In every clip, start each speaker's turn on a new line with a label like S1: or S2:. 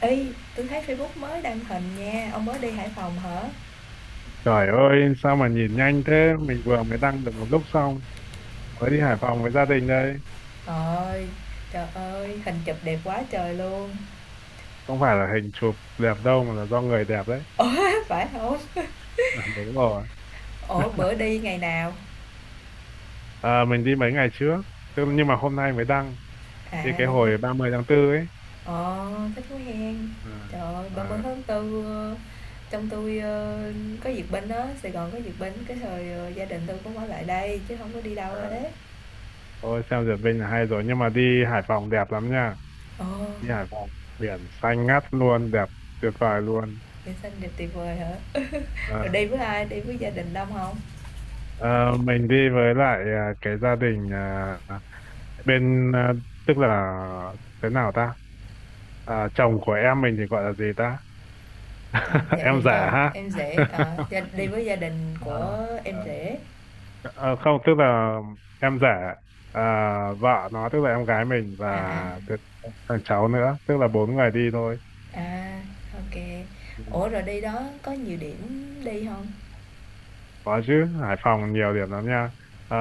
S1: Ê, tôi thấy Facebook mới đăng hình nha, ông mới đi Hải Phòng hả?
S2: Trời ơi, sao mà nhìn nhanh thế? Mình vừa mới đăng được một lúc xong, mới đi Hải Phòng với gia đình đây.
S1: Rồi, trời ơi, hình chụp đẹp quá trời luôn.
S2: Không phải là hình chụp đẹp đâu mà là do người đẹp đấy.
S1: Ủa, phải không?
S2: À, đúng rồi.
S1: Ủa, bữa đi ngày nào?
S2: À, mình đi mấy ngày trước, nhưng mà hôm nay mới đăng, đi
S1: À,
S2: cái
S1: đi.
S2: hồi 30 tháng 4 ấy.
S1: Ờ, thích quá hen.
S2: À,
S1: Trời ơi, 30
S2: à,
S1: tháng 4 trong tôi có duyệt binh á, Sài Gòn có duyệt binh, cái thời gia đình tôi cũng ở lại đây chứ không có đi đâu
S2: à,
S1: hết.
S2: thôi xem duyệt Vinh là hay rồi, nhưng mà đi Hải Phòng đẹp lắm nha.
S1: Ồ,
S2: Đi Hải Phòng, biển xanh ngắt luôn, đẹp tuyệt vời luôn.
S1: nhân sinh đẹp tuyệt vời hả? Rồi
S2: À,
S1: đi với ai? Đi với gia đình đông không?
S2: mình đi với lại cái gia đình bên, tức là thế nào ta? Chồng của em mình thì gọi là gì ta
S1: Chồng dạ
S2: em
S1: đình
S2: giả
S1: chồng
S2: ha
S1: em rể, ở
S2: à,
S1: gia đi với gia đình của em
S2: à,
S1: rể.
S2: không tức là em giả à, vợ nó tức là em gái mình và
S1: À, à,
S2: cái- thằng cháu nữa, tức là bốn người đi thôi.
S1: à, ô.
S2: Ừ.
S1: Ủa, rồi đi đó có nhiều điểm đi không?
S2: Có chứ, Hải Phòng nhiều điểm lắm nha. à,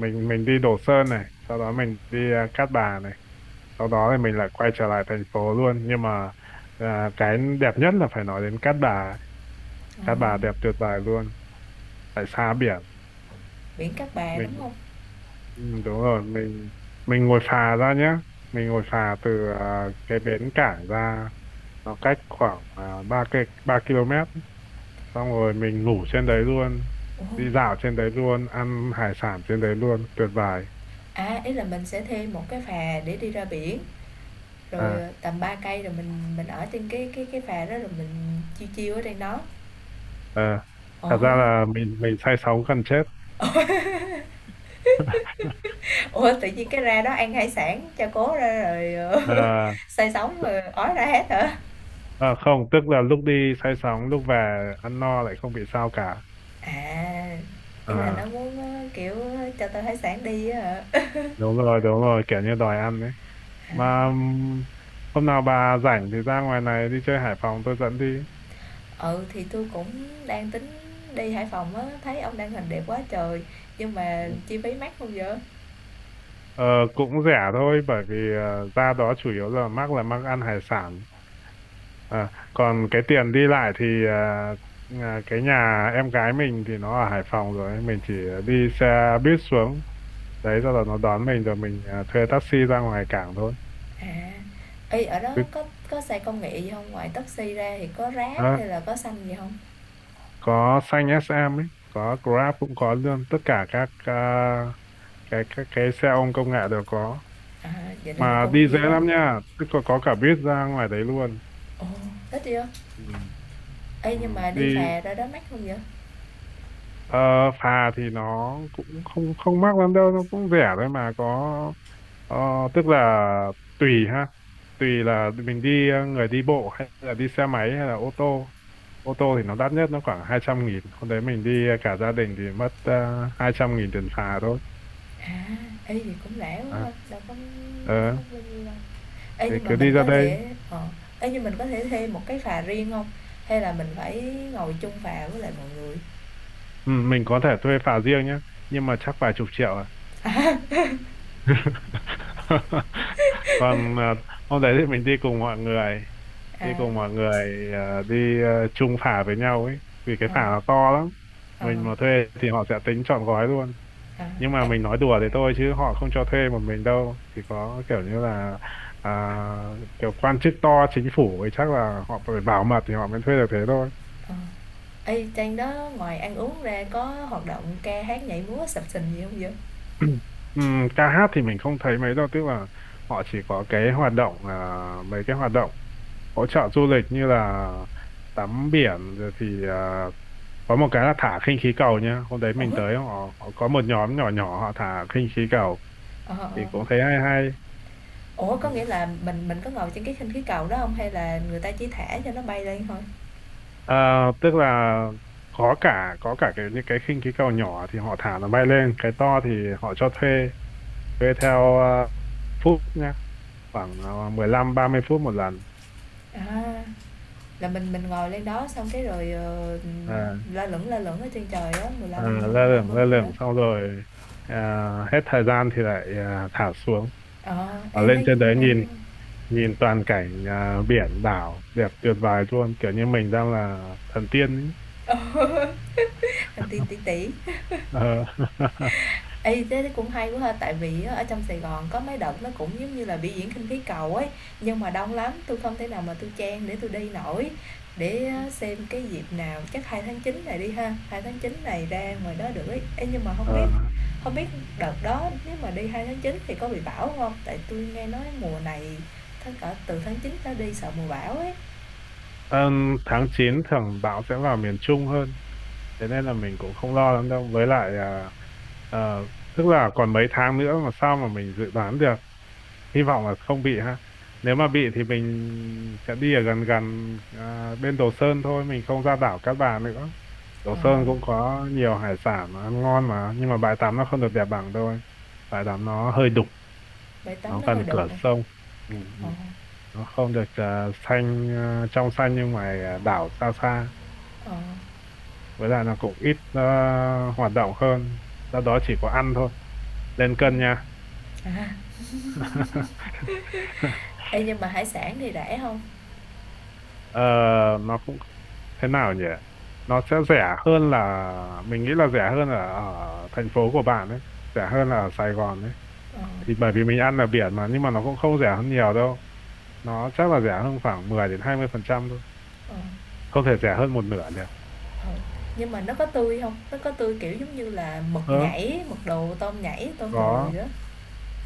S2: mình đi Đồ Sơn này, sau đó mình đi Cát Bà này, sau đó thì mình lại quay trở lại thành phố luôn, nhưng mà cái đẹp nhất là phải nói đến Cát Bà ấy.
S1: Ờ,
S2: Cát Bà đẹp tuyệt vời luôn, tại xa biển
S1: biển Cát Bà,
S2: mình.
S1: đúng không?
S2: Ừ, đúng rồi. Mình ngồi phà ra nhé. Mình ngồi phà từ cái bến cảng ra, nó cách khoảng 3 cây ba km ấy. Xong rồi mình ngủ trên đấy luôn,
S1: Ồ,
S2: đi dạo trên đấy luôn, ăn hải sản trên đấy luôn, tuyệt vời.
S1: à, ý là mình sẽ thêm một cái phà để đi ra biển, rồi,
S2: à,
S1: tầm 3 cây rồi mình ở trên cái phà đó rồi mình chiêu chiêu ở trên đó.
S2: à, Thật
S1: Ồ,
S2: ra là mình say sóng gần chết.
S1: ủa, tự nhiên cái ra đó ăn hải sản, cho cố ra rồi,
S2: à,
S1: say sóng rồi ói ra hết hả?
S2: Không, tức là lúc đi say sóng, lúc về ăn no lại không bị sao cả.
S1: À, ý là nó
S2: à,
S1: muốn, ơ, kiểu, cho tao hải sản đi á hả?
S2: Đúng rồi, đúng rồi, kiểu như đòi ăn đấy.
S1: À,
S2: Mà hôm nào bà rảnh thì ra ngoài này đi chơi Hải Phòng tôi dẫn đi.
S1: ừ, thì tôi cũng đang tính đi Hải Phòng á, thấy ông đăng hình đẹp quá trời, nhưng mà
S2: Ừ.
S1: chi phí mắc không vậy?
S2: Ờ, cũng rẻ thôi, bởi vì ra đó chủ yếu là mắc ăn hải sản. À, còn cái tiền đi lại thì cái nhà em gái mình thì nó ở Hải Phòng rồi. Mình chỉ đi xe buýt xuống. Đấy, sau đó nó đón mình rồi mình thuê taxi ra ngoài cảng thôi.
S1: À, ê, ở đó
S2: Cứ,
S1: có xe công nghệ gì hông? Ngoài taxi ra thì có Grab hay
S2: đó,
S1: là có xanh gì không?
S2: có xanh SM ấy, có Grab cũng có luôn. Tất cả các cái xe ôm công nghệ đều có.
S1: À, vậy là nó
S2: Mà
S1: cũng
S2: đi dễ
S1: vậy đó.
S2: lắm nha, tức là có cả buýt ra ngoài đấy luôn.
S1: Ồ, thích chưa?
S2: Ừ.
S1: Ê,
S2: Ừ,
S1: nhưng mà
S2: đi
S1: đi phà ra đó mắc không vậy?
S2: ờ, phà thì nó cũng không không mắc lắm đâu, nó cũng rẻ thôi. Mà có ờ, tức là tùy ha, tùy là mình đi người đi bộ hay là đi xe máy hay là ô tô. Ô tô thì nó đắt nhất, nó khoảng 200.000. Hôm đấy mình đi cả gia đình thì mất 200.000 tiền phà thôi.
S1: À, ê, vậy cũng rẻ quá
S2: à,
S1: ha, đâu có
S2: ờ,
S1: mắc bao nhiêu đâu. Ê,
S2: thì
S1: nhưng mà
S2: cứ đi
S1: mình
S2: ra
S1: có
S2: đây.
S1: thể ê, nhưng mình có thể thuê một cái phà riêng không? Hay là mình phải ngồi chung phà với lại mọi người?
S2: Ừ, mình có thể thuê phà riêng nhé, nhưng mà chắc vài chục triệu à. Còn hôm đấy thì mình đi cùng mọi người, đi
S1: À,
S2: cùng mọi người đi chung phả với nhau ấy, vì cái phả
S1: ờ,
S2: nó to lắm.
S1: ờ,
S2: Mình mà thuê thì họ sẽ tính trọn gói luôn.
S1: à,
S2: Nhưng mà
S1: ê,
S2: mình nói đùa thế thôi, chứ họ không cho thuê một mình đâu, chỉ có kiểu như là à, kiểu quan chức to chính phủ ấy, chắc là họ phải bảo mật thì họ mới thuê được thế thôi.
S1: ờ. Ê, trên đó ngoài ăn uống ra có hoạt động ca hát, nhảy múa, sập sình gì không vậy?
S2: Ca hát thì mình không thấy mấy đâu, tức là họ chỉ có cái hoạt động là mấy cái hoạt động hỗ trợ du lịch như là tắm biển, rồi thì có một cái là thả khinh khí cầu nhá. Hôm đấy mình
S1: Ủa?
S2: tới họ, họ có một nhóm nhỏ nhỏ họ thả khinh khí cầu
S1: Ờ, ờ,
S2: thì
S1: ờ.
S2: cũng thấy hay
S1: Ủa, có nghĩa
S2: hay.
S1: là mình có ngồi trên cái khinh khí cầu đó không? Hay là người ta chỉ thả cho nó bay lên thôi?
S2: Ờ, tức là có cả cái những cái khinh khí cầu nhỏ thì họ thả nó bay lên, cái to thì họ cho thuê thuê theo phút nhá, khoảng 15-30 phút một lần.
S1: À, là mình ngồi lên đó xong cái rồi, ờ,
S2: À,
S1: la lửng ở trên trời á,
S2: à, Lơ
S1: ba
S2: lửng
S1: mươi
S2: lơ
S1: phút đó.
S2: lửng xong rồi hết thời gian thì lại thả xuống.
S1: Ờ,
S2: Ở
S1: ê,
S2: lên
S1: thấy
S2: trên
S1: cũng
S2: đấy
S1: hay
S2: nhìn,
S1: quá.
S2: nhìn toàn cảnh biển đảo đẹp tuyệt vời luôn, kiểu như mình đang là thần tiên ấy.
S1: Ừ, làm tiên tí tỉ.
S2: Ờ.
S1: Ê, thế cũng hay quá ha, tại vì á, ở trong Sài Gòn có mấy đợt nó cũng giống như là biểu diễn khinh khí cầu ấy, nhưng mà đông lắm, tôi không thể nào mà tôi chen để tôi đi nổi. Để á, xem cái dịp nào, chắc 2 tháng 9 này đi ha, 2 tháng 9 này ra ngoài đó được ấy. Ê, nhưng mà không
S2: Ờ,
S1: biết không biết đợt đó nếu mà đi 2 tháng 9 thì có bị bão không? Tại tôi nghe nói mùa này tháng cỡ từ tháng 9 trở đi sợ mùa bão ấy.
S2: ừm, tháng 9 thường bão sẽ vào miền Trung hơn, thế nên là mình cũng không lo lắm đâu. Với lại ờ, tức là còn mấy tháng nữa mà sao mà mình dự đoán được, hy vọng là không bị ha. Nếu mà bị thì mình sẽ đi ở gần gần bên Đồ Sơn thôi, mình không ra đảo Cát Bà nữa. Đồ
S1: Ờ,
S2: Sơn cũng có nhiều hải sản mà ăn ngon mà, nhưng mà bãi tắm nó không được đẹp bằng thôi, bãi tắm nó hơi đục,
S1: bãi tắm
S2: nó
S1: nó hơi
S2: gần
S1: đục
S2: cửa
S1: hông?
S2: sông. Ừ,
S1: Ờ,
S2: ừ, nó không được xanh, trong xanh. Nhưng mà đảo xa xa,
S1: ờ.
S2: với lại là cũng ít hoạt động hơn, do đó chỉ có ăn thôi, lên cân nha.
S1: Ê, nhưng mà hải sản thì rẻ không?
S2: Ờ, nó cũng thế nào nhỉ, nó sẽ rẻ hơn, là mình nghĩ là rẻ hơn ở, ở thành phố của bạn ấy, rẻ hơn là ở Sài Gòn ấy.
S1: Ờ.
S2: Thì bởi vì mình ăn ở biển mà, nhưng mà nó cũng không rẻ hơn nhiều đâu, nó chắc là rẻ hơn khoảng 10 đến 20% thôi,
S1: Ờ,
S2: không thể rẻ hơn một nửa được.
S1: ờ. Nhưng mà nó có tươi không? Nó có tươi, kiểu, giống như là mực
S2: Ờ,
S1: nhảy, mực đồ, tôm nhảy, tôm đồ gì
S2: có,
S1: đó?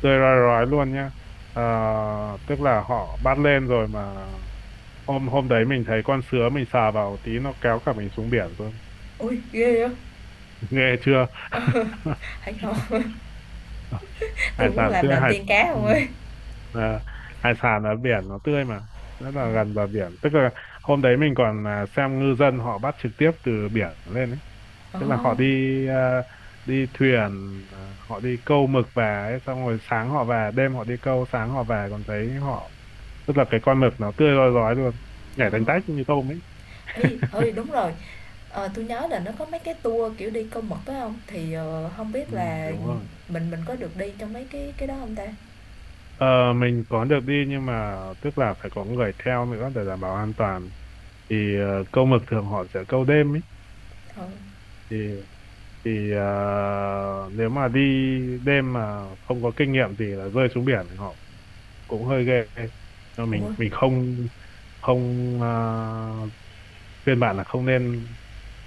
S2: rồi rồi luôn nhá. Ờ, tức là họ bắt lên rồi mà, hôm hôm đấy mình thấy con sứa, mình sờ vào tí nó kéo cả mình xuống biển luôn.
S1: Ui ghê vậy?
S2: Nghe chưa?
S1: Hay không? Tôi
S2: Hải
S1: muốn
S2: sản
S1: làm
S2: tươi,
S1: đàn
S2: hải.
S1: tiên cá
S2: Ừ.
S1: không ấy.
S2: À, hải sản ở biển nó tươi mà, rất
S1: Ờ,
S2: là gần bờ biển, tức là hôm đấy mình còn xem ngư dân họ bắt trực tiếp từ biển lên ấy.
S1: ờ,
S2: Tức là họ đi à, đi thuyền à, họ đi câu mực về ấy, xong rồi sáng họ về, đêm họ đi câu sáng họ về, còn thấy họ, tức là cái con mực nó tươi rói rói luôn,
S1: ờ.
S2: nhảy tanh tách như tôm ấy.
S1: Ê, ơi, đúng rồi, ờ, tui nhớ là nó có mấy cái tour, kiểu, đi câu mực phải không? Thì, ờ, hông
S2: Ừ,
S1: biết là
S2: đúng rồi.
S1: mình có được đi trong mấy cái đó không ta?
S2: Ờ, mình có được đi, nhưng mà tức là phải có người theo nữa để đảm bảo an toàn. Thì câu mực thường họ sẽ câu đêm ấy.
S1: Ờ.
S2: thì thì ờ, Nếu mà đi đêm mà không có kinh nghiệm gì là rơi xuống biển thì họ cũng hơi ghê. Nhưng mình
S1: Ủa,
S2: mình không không khuyên bạn là không nên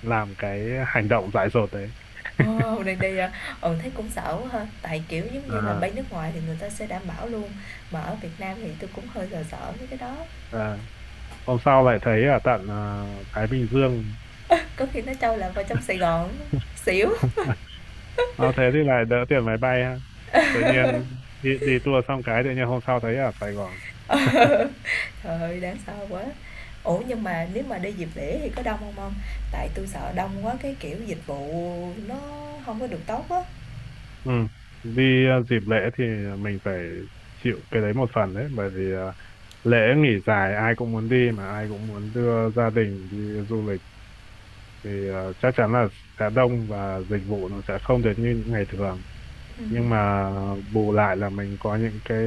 S2: làm cái hành động dại dột đấy.
S1: ồ, đang đi hả? Ừ, thấy cũng sợ quá ha, tại, kiểu, giống như là,
S2: à,
S1: bay nước ngoài thì người ta sẽ đảm bảo luôn, mà ở Việt Nam thì tôi cũng hơi sợ sợ mấy cái đó.
S2: à. Hôm sau lại thấy ở tận Thái Bình Dương.
S1: Có khi nó trâu lạc vào trong Sài Gòn xỉu.
S2: Nó thế thì lại đỡ tiền máy bay ha. Tự nhiên đi tour xong cái tự nhiên hôm sau thấy ở Sài Gòn.
S1: Trời ơi, đáng sợ quá. Ủa, nhưng mà nếu mà đi dịp lễ thì có đông không ông? Tại tôi sợ đông quá cái, kiểu, dịch vụ nó không có được tốt á.
S2: Ừ. Đi dịp lễ thì mình phải chịu cái đấy một phần đấy. Bởi vì lễ nghỉ dài, ai cũng muốn đi, mà ai cũng muốn đưa gia đình đi du lịch. Thì chắc chắn là sẽ đông và dịch vụ nó sẽ không được như những ngày thường.
S1: Ừm,
S2: Nhưng mà bù lại là mình có những cái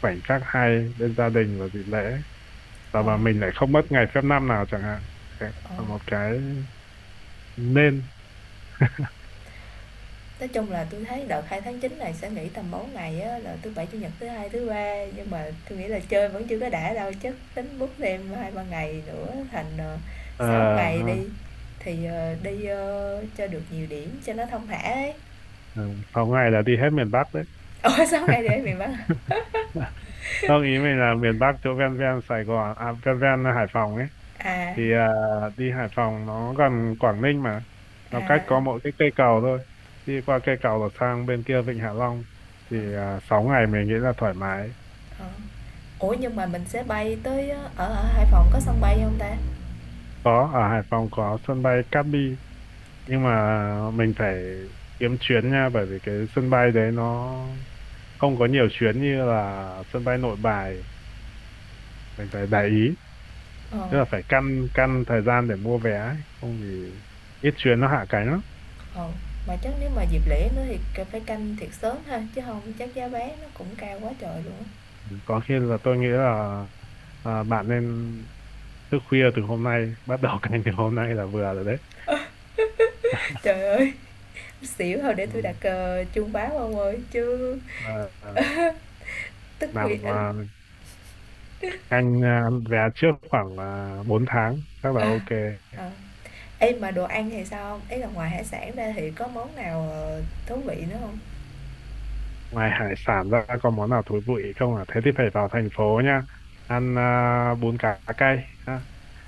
S2: khoảnh khắc hay bên gia đình vào dịp lễ, và
S1: ờ,
S2: mà mình lại không mất ngày phép năm nào chẳng hạn. Đấy
S1: ờ,
S2: là một cái nên.
S1: nói chung là tôi thấy đợt hai tháng chín này sẽ nghỉ tầm 4 ngày á, là thứ Bảy, Chủ nhật, thứ Hai, thứ Ba, nhưng mà tôi nghĩ là chơi vẫn chưa có đã đâu, chắc tính bút thêm hai ba ngày nữa thành, ờ,
S2: Ờ
S1: 6 ngày
S2: ha,
S1: đi, thì, ờ, đi, ơ, cho được nhiều điểm cho nó thông thả ấy.
S2: ờ, 6 ngày là đi hết miền Bắc đấy.
S1: Ủa, 6 ngày đi ở miền Bắc.
S2: Không, ý mình là miền Bắc chỗ ven ven Sài Gòn ven ven Hải Phòng ấy.
S1: À,
S2: Thì đi Hải Phòng nó gần Quảng Ninh mà, nó cách
S1: à,
S2: có mỗi cái cây cầu thôi. Đi qua cây cầu là sang bên kia Vịnh Hạ Long. Thì 6 ngày mình nghĩ là thoải mái.
S1: ờ. Ủa nhưng mà mình sẽ bay tới ở ở Hải Phòng có sân bay không ta?
S2: Có, ở Hải Phòng có sân bay Cát Bi, nhưng mà mình phải kiếm chuyến nha, bởi vì cái sân bay đấy nó không có nhiều chuyến như là sân bay Nội Bài. Mình phải để ý,
S1: Ờ,
S2: tức là phải căn căn thời gian để mua vé ấy, không thì ít chuyến nó hạ cánh lắm.
S1: ờ, mà chắc nếu mà dịp lễ nữa thì c- phải canh thiệt sớm ha chứ không chắc giá vé nó cũng cao quá trời luôn á.
S2: Có khi là tôi nghĩ là bạn nên thức khuya từ hôm nay bắt đầu canh từ hôm nay là vừa rồi đấy.
S1: Trời ơi, xỉu thôi để
S2: Ừ.
S1: tôi đặt chuông báo ông ơi chứ.
S2: à, à,
S1: Tức thì
S2: làm
S1: ờ.
S2: canh vé trước khoảng 4 tháng chắc là ok.
S1: Ờ. Ê mà đồ ăn thì sao không? Ý là ngoài hải sản ra thì có món nào thú vị nữa không?
S2: Ngoài hải sản ra có món nào thú vị không à? Thế thì phải vào thành phố nha. Ăn bún cá cay ha.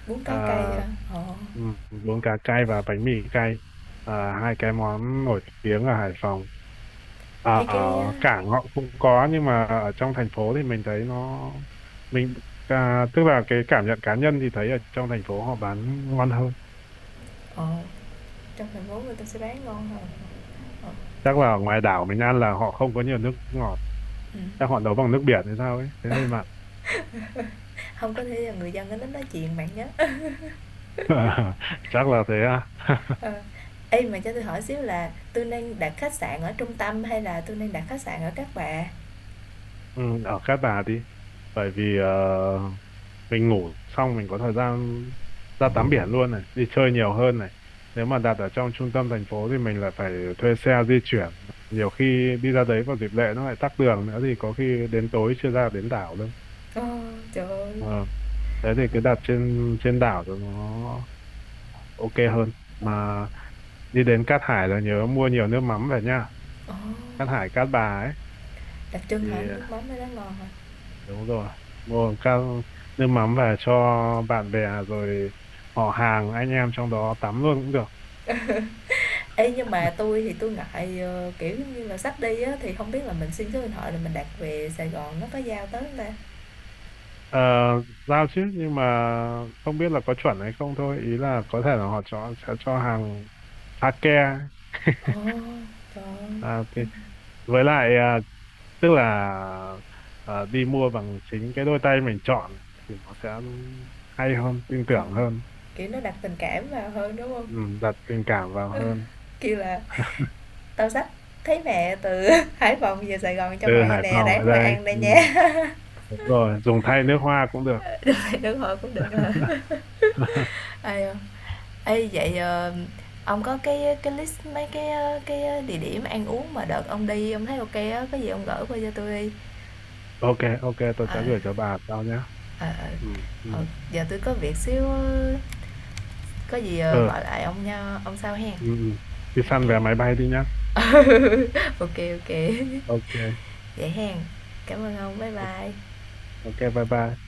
S1: Bún
S2: À,
S1: cá cay hả? Ờ.
S2: bún cá cay và bánh mì cay. À, hai cái món nổi tiếng ở Hải Phòng. À,
S1: Ê
S2: ở
S1: cái ờ
S2: cảng họ cũng có, nhưng mà ở trong thành phố thì mình thấy nó, mình tức là cái cảm nhận cá nhân thì thấy ở trong thành phố họ bán ngon hơn.
S1: ờ, trong thành phố người ta sẽ bán ngon hơn. Ờ.
S2: Chắc là ở ngoài đảo mình ăn là họ không có nhiều nước ngọt.
S1: Ừ.
S2: Chắc họ nấu bằng nước biển hay sao ấy, thấy hơi mặn.
S1: Không có thể là người dân ở đó nói chuyện bạn nhé.
S2: Chắc là thế à.
S1: Ờ. Ê, mà cho tôi hỏi xíu là tôi nên đặt khách sạn ở trung tâm hay là tôi nên đặt khách sạn ở Cát Bà?
S2: Ừ, ở Cát Bà đi, bởi vì mình ngủ xong mình có thời gian ra tắm biển luôn này, đi chơi nhiều hơn này. Nếu mà đặt ở trong trung tâm thành phố thì mình lại phải thuê xe di chuyển, nhiều khi đi ra đấy vào dịp lễ nó lại tắc đường nữa thì có khi đến tối chưa ra đến đảo đâu.
S1: Ờ, trời ơi!
S2: Ờ, thế thì cứ đặt trên trên đảo cho nó ok hơn.
S1: Ờ.
S2: Mà đi đến Cát Hải là nhớ mua nhiều nước mắm về nha,
S1: Ồ,
S2: Cát Hải Cát Bà ấy.
S1: đặc trưng hả?
S2: Thì
S1: Nước mắm ở đó ngon hả?
S2: đúng rồi, mua các nước mắm về cho bạn bè, rồi họ hàng anh em trong đó tắm luôn cũng được.
S1: Ê, nhưng mà tôi thì tôi ngại, ờ, kiểu, giống như là, sắp đi á, thì không biết là mình xin số điện thoại là mình đặt về Sài Gòn nó có giao tới không ta?
S2: Ờ, giao chứ, nhưng mà không biết là có chuẩn hay không thôi. Ý là có thể là họ cho sẽ cho hàng sake.
S1: Ồ, trời ơi!
S2: Thì,
S1: Ưm,
S2: với lại tức là đi mua bằng chính cái đôi tay mình chọn thì nó sẽ hay hơn, tin
S1: ờ,
S2: tưởng hơn.
S1: kiểu, nó đặt tình cảm vào hơn, đúng không?
S2: Ừ, đặt tình cảm vào hơn.
S1: Kêu là "Tao xách thấy mẹ từ Hải Phòng về Sài Gòn cho
S2: Từ
S1: mày
S2: Hải
S1: nè,
S2: Phòng về
S1: ráng mà
S2: đây.
S1: ăn đây
S2: Ừ,
S1: nha."
S2: đúng rồi, dùng thay nước hoa cũng được.
S1: Đúng rồi, cũng được hả? Ai, ờ, ê vậy ông có cái list mấy cái cái địa điểm ăn uống mà đợt ông đi ông thấy ok á, có gì ông gửi qua cho tôi đi.
S2: Ok, ok tôi
S1: Ờ
S2: sẽ gửi cho bà sau nhé.
S1: ờ ờ.
S2: Ừ. Ừ.
S1: Ờ, giờ tôi có việc xíu ờ, có gì
S2: Ờ.
S1: gọi lại ông nha, ông sau hen.
S2: Ừ, ừ. Đi săn
S1: Ok.
S2: vé máy bay đi nhá.
S1: Ok ok.
S2: Ok.
S1: Vậy hen. Cảm ơn ông. Bye
S2: Ok.
S1: bye.
S2: Ok, bye bye.